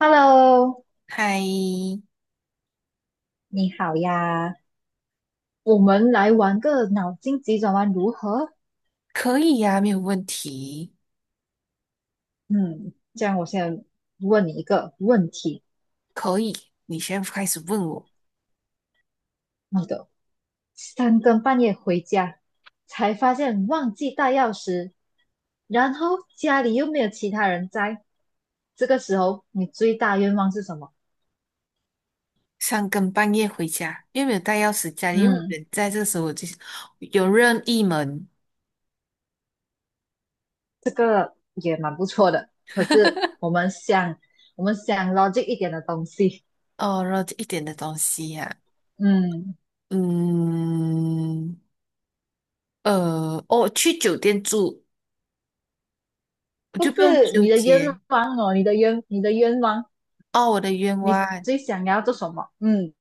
Hello，嗨，你好呀，我们来玩个脑筋急转弯如何？可以呀、没有问题，嗯，这样，我先问你一个问题：可以。你先在开始问我，你的三更半夜回家，才发现忘记带钥匙，然后家里又没有其他人在，这个时候你最大愿望是什么？三更半夜回家，又没有带钥匙，家里又没有嗯，人在，这个时候我就是有任意门。这个也蛮不错的。可是我 们想，我们想 logic 一点的东西，哦，然后一点的东西呀。嗯。嗯，哦，去酒店住，我不就不用是纠你的愿结。望哦，你的愿，你的愿望，哦，我的愿你望最想要做什么？嗯，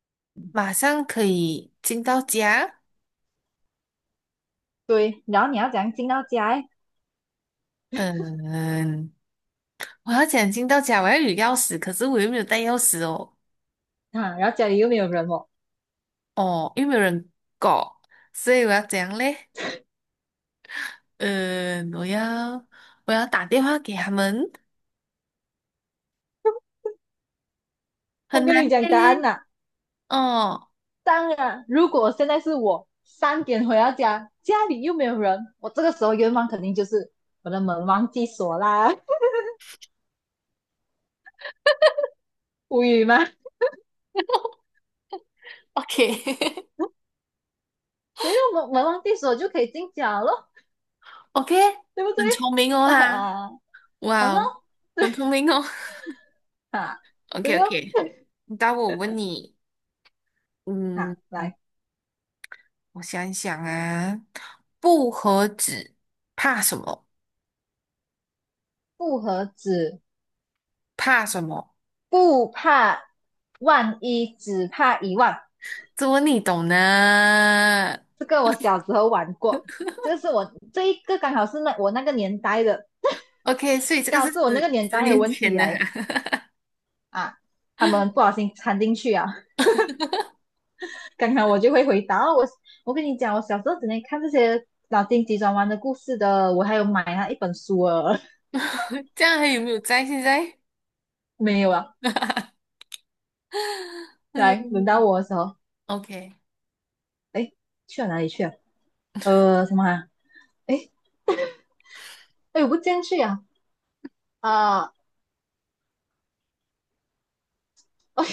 马上可以进到家。对。然后你要怎样进到家诶嗯，我要讲进到家，我要有钥匙，可是我又没有带钥匙哦。啊，然后家里又没有人哦。哦，因为没有人搞，所以我要怎样嘞？嗯，我要打电话给他们，我很跟难你讲答案嘞。呐、哦 当然，如果现在是我三点回到家，家里又没有人，我这个时候愿望肯定就是我的门忘记锁啦，无语吗？OK，所以门忘记锁就可以进家咯，，OK，对不 对？很聪明哦 哈，啊，好哇哦，咯，很聪对明哦。啊，OK 对哦，OK，那我问你。嗯，啊，来我想一想啊。不和纸怕什么？复合子怕什么？不怕万一，只怕一万。这问你懂呢这个我小时候玩过，这是我这一个刚好是那我那个年代的，？OK，所以这个刚好是是我那个十年十代的年问前题的来了哈。啊。他们不小心掺进去啊，刚好我就会回答。哦，我跟你讲，我小时候只能看这些脑筋急转弯的故事的，我还有买他一本书啊，这样还有没有在现在？没有啊。哎呦来，轮到我的时候，，OK，哎，去了哪里去了？什么啊？哎哎，我不进去啊啊！哦，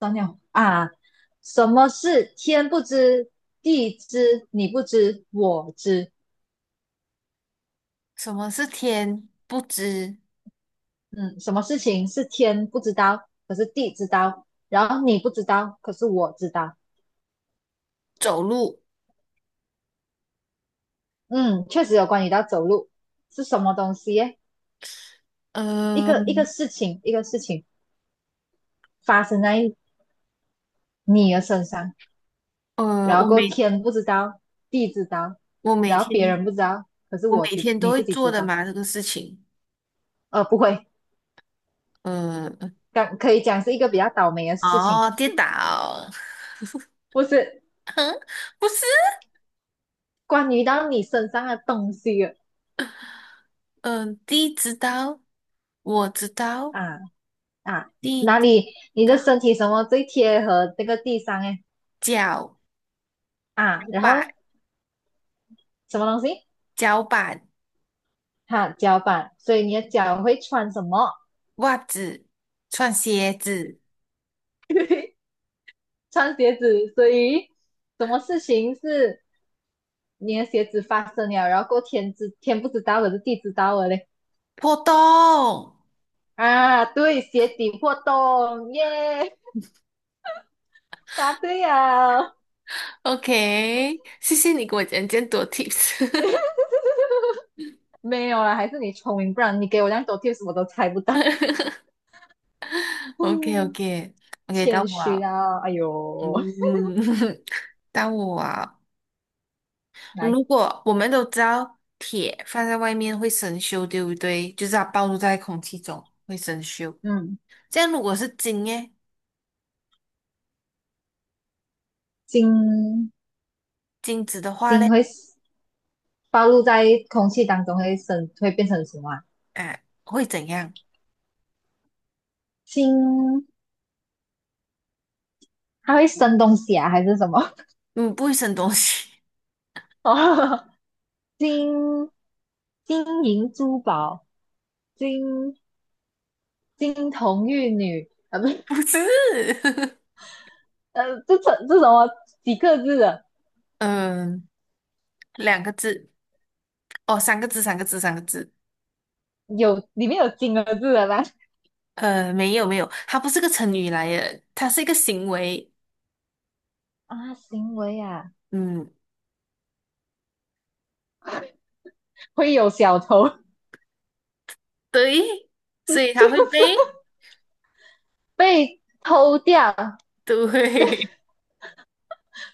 张鸟啊，什么是天不知地知，你不知我知。什么是天不知嗯，什么事情是天不知道，可是地知道，然后你不知道，可是我知道。走路？嗯，确实有关于到走路是什么东西耶一呃个一个事情，一个事情发生在你的身上，呃，然我后过后每天不知道，地知道，我每然后别天人不知道，可是我我每知天都你会自己做知的道。嘛，这个事情。不会，呃，刚可以讲是一个比较倒霉的事情，哦，跌倒。不是 不是。关于到你身上的东西了嗯、地知道，我知道，啊啊，地哪知里你道，的身体什么最贴合这个地上哎脚啊，然板，后什么东西脚板，哈、脚板，所以你的脚会穿什么？袜子，穿鞋子，穿鞋子，所以什么事情是你的鞋子发生了，然后过天知天不知道的是地知道的嘞破洞。啊，对，鞋底破洞耶，答对呀，OK，谢谢你给我讲这么多 tips。没有啦，还是你聪明，不然你给我这样多 t i 我都猜不到。o k o 嗯， k o k 到谦我虚啊。啊，哎呦，嗯，到我啊。来，如果我们都知道铁放在外面会生锈，对不对？就是它暴露在空气中会生锈。嗯，这样如果是金耶，金，金子的话嘞，会 暴露在空气当中会生，会变成什么啊啊，会怎样？金，它会生东西啊，还是什么？嗯，不会生东西。哦，金金银珠宝，金金童玉女，不是，不是。这什么几个字的？嗯，两个字。哦，三个字，三个字，三个字。有里面有金的字的吗？没有没有，它不是个成语来的，它是一个行为。啊，行为啊，嗯，会有小偷对，所以它会被，被偷掉，对。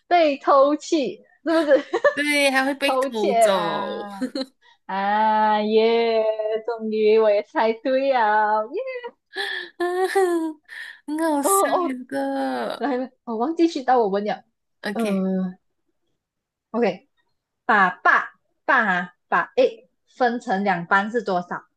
被偷去，是不是？对，它 会被偷偷窃走。啊啊耶！终于我也猜对了耶！很好哦笑耶哦，这个。来了，我忘记去到我问了。OK，嗯，OK，把爸爸啊把 A 分成两半是多少？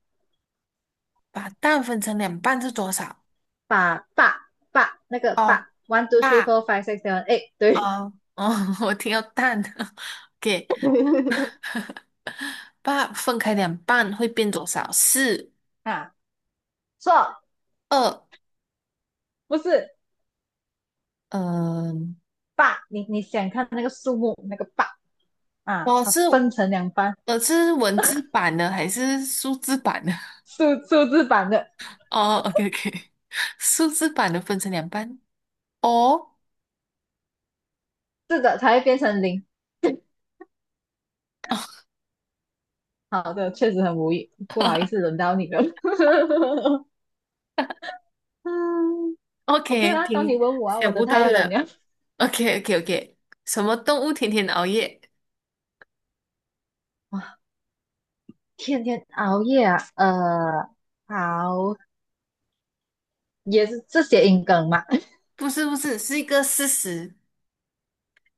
把蛋分成两半是多少？把爸爸那个哦，爸，one two three four 爸。five six seven eight，对 哦哦，我听到蛋。OK，把分开两半会变多少？四，啊，错，二。不是嗯，爸，你想看那个数目那个爸啊，哦它是。分成两半，是文字版的还是数字版的？数字版的，哦，OK OK。数字版的分成两半。哦是的，才会变成零。好的，确实很无语，不好意思，轮到你了。嗯，OK ，OK，啦，到你挺问我啊，我想的不太到冷的。了。OK OK OK，什么动物天天熬夜？哇，天天熬夜啊，好，也是这些音梗嘛。不是不是，是一个事实。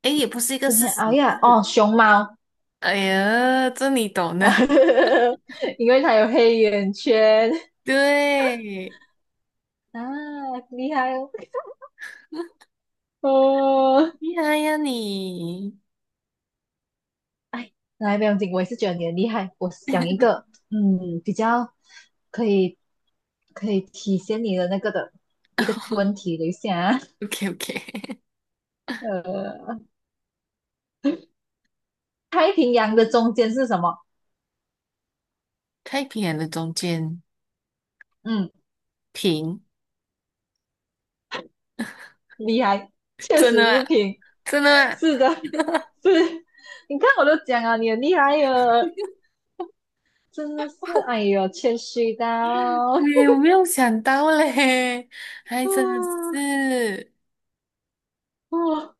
诶，也不是一个今事天实，熬夜啊哦，是熊猫，哎呀，这你懂的。因为它有黑眼圈 对。啊，厉害哦。哦，厉害呀你。哎，来，不用紧，我也是觉得你很厉害。我想一 个，嗯，比较可以可以体现你的那个的一个问题，等一下啊，OK OK，呃，太平洋的中间是什么？太平洋的中间嗯，平。厉害，确真的实吗？是平，真的吗？是的，是。你看我都讲啊，你很厉害哟，真的是，哎呦，谦虚到，对，我没有想到嘞，还真的嗯。是。 哦，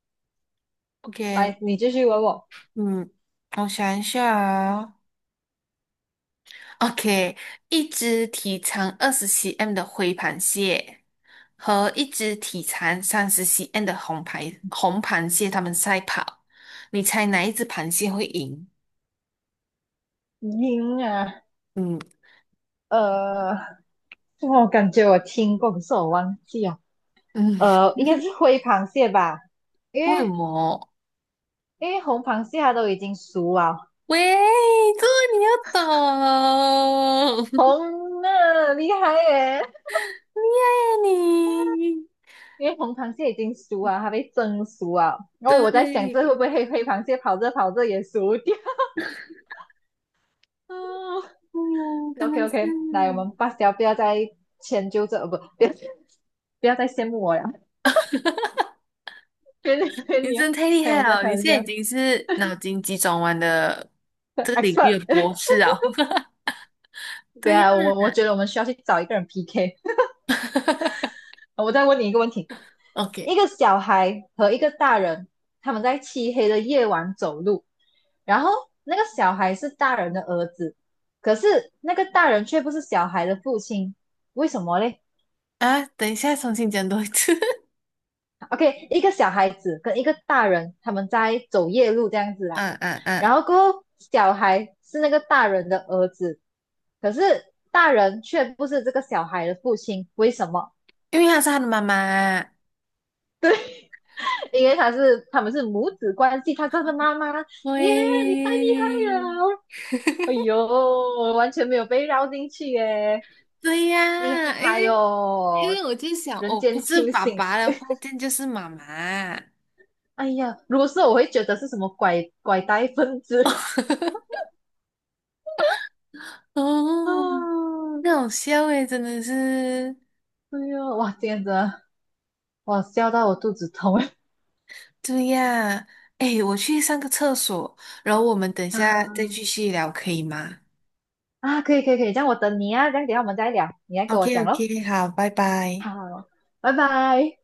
OK，来，你继续问我，嗯，我想一下啊。OK，一只体长20 cm 的灰螃蟹和一只体长30 cm 的红螃蟹，它们赛跑，你猜哪一只螃蟹会赢？赢啊，嗯呃，我感觉我听过，可是我忘记了。嗯，应该是灰螃蟹吧，因为什为么？因为红螃蟹它都已经熟啊，喂，这个你要懂。厉红了，厉害耶！害呀你，因为红螃蟹已经熟啊，它被蒸熟啊。然后我在想，这会对。不会黑螃蟹跑着跑着也熟掉？嗯哎呦，真，OK 的是。OK，来，我们罢掉，不要再迁就这，呃，不，不要再羡慕我了，别你别你你，真的太厉开害玩笑了！开你玩现在笑已经是脑筋急转弯的这个领，expert 域的博 士啊。对对呀啊，我觉得我们需要去找一个人 PK。我再问你一个问题。一，OK 个小孩和一个大人，他们在漆黑的夜晚走路，然后那个小孩是大人的儿子，可是那个大人却不是小孩的父亲，为什么嘞啊，等一下重新讲多一次。？OK，一个小孩子跟一个大人，他们在走夜路这样子啦，嗯嗯然嗯，后过后小孩是那个大人的儿子，可是大人却不是这个小孩的父亲，为什么？因为她是他的妈妈。因为他是他们是母子关系，他叫他妈妈，耶，你太厉害对，了。哎呦，我完全没有被绕进去耶，对厉呀，因害为因哦，为我就想，人哦，不间是清爸醒。爸的话，这样就是妈妈。哎呀，如果是我会觉得是什么拐拐带分子 哦，啊，很好笑诶，真的是。哎呦，哇，今天真的我笑到我肚子痛 对呀，哎，我去上个厕所，然后我们等一下再啊继续聊，可以吗啊，可以可以可以，这样我等你啊，这样等一下我们再聊，你来给我？OK 讲咯。OK，好，拜拜。好，拜拜。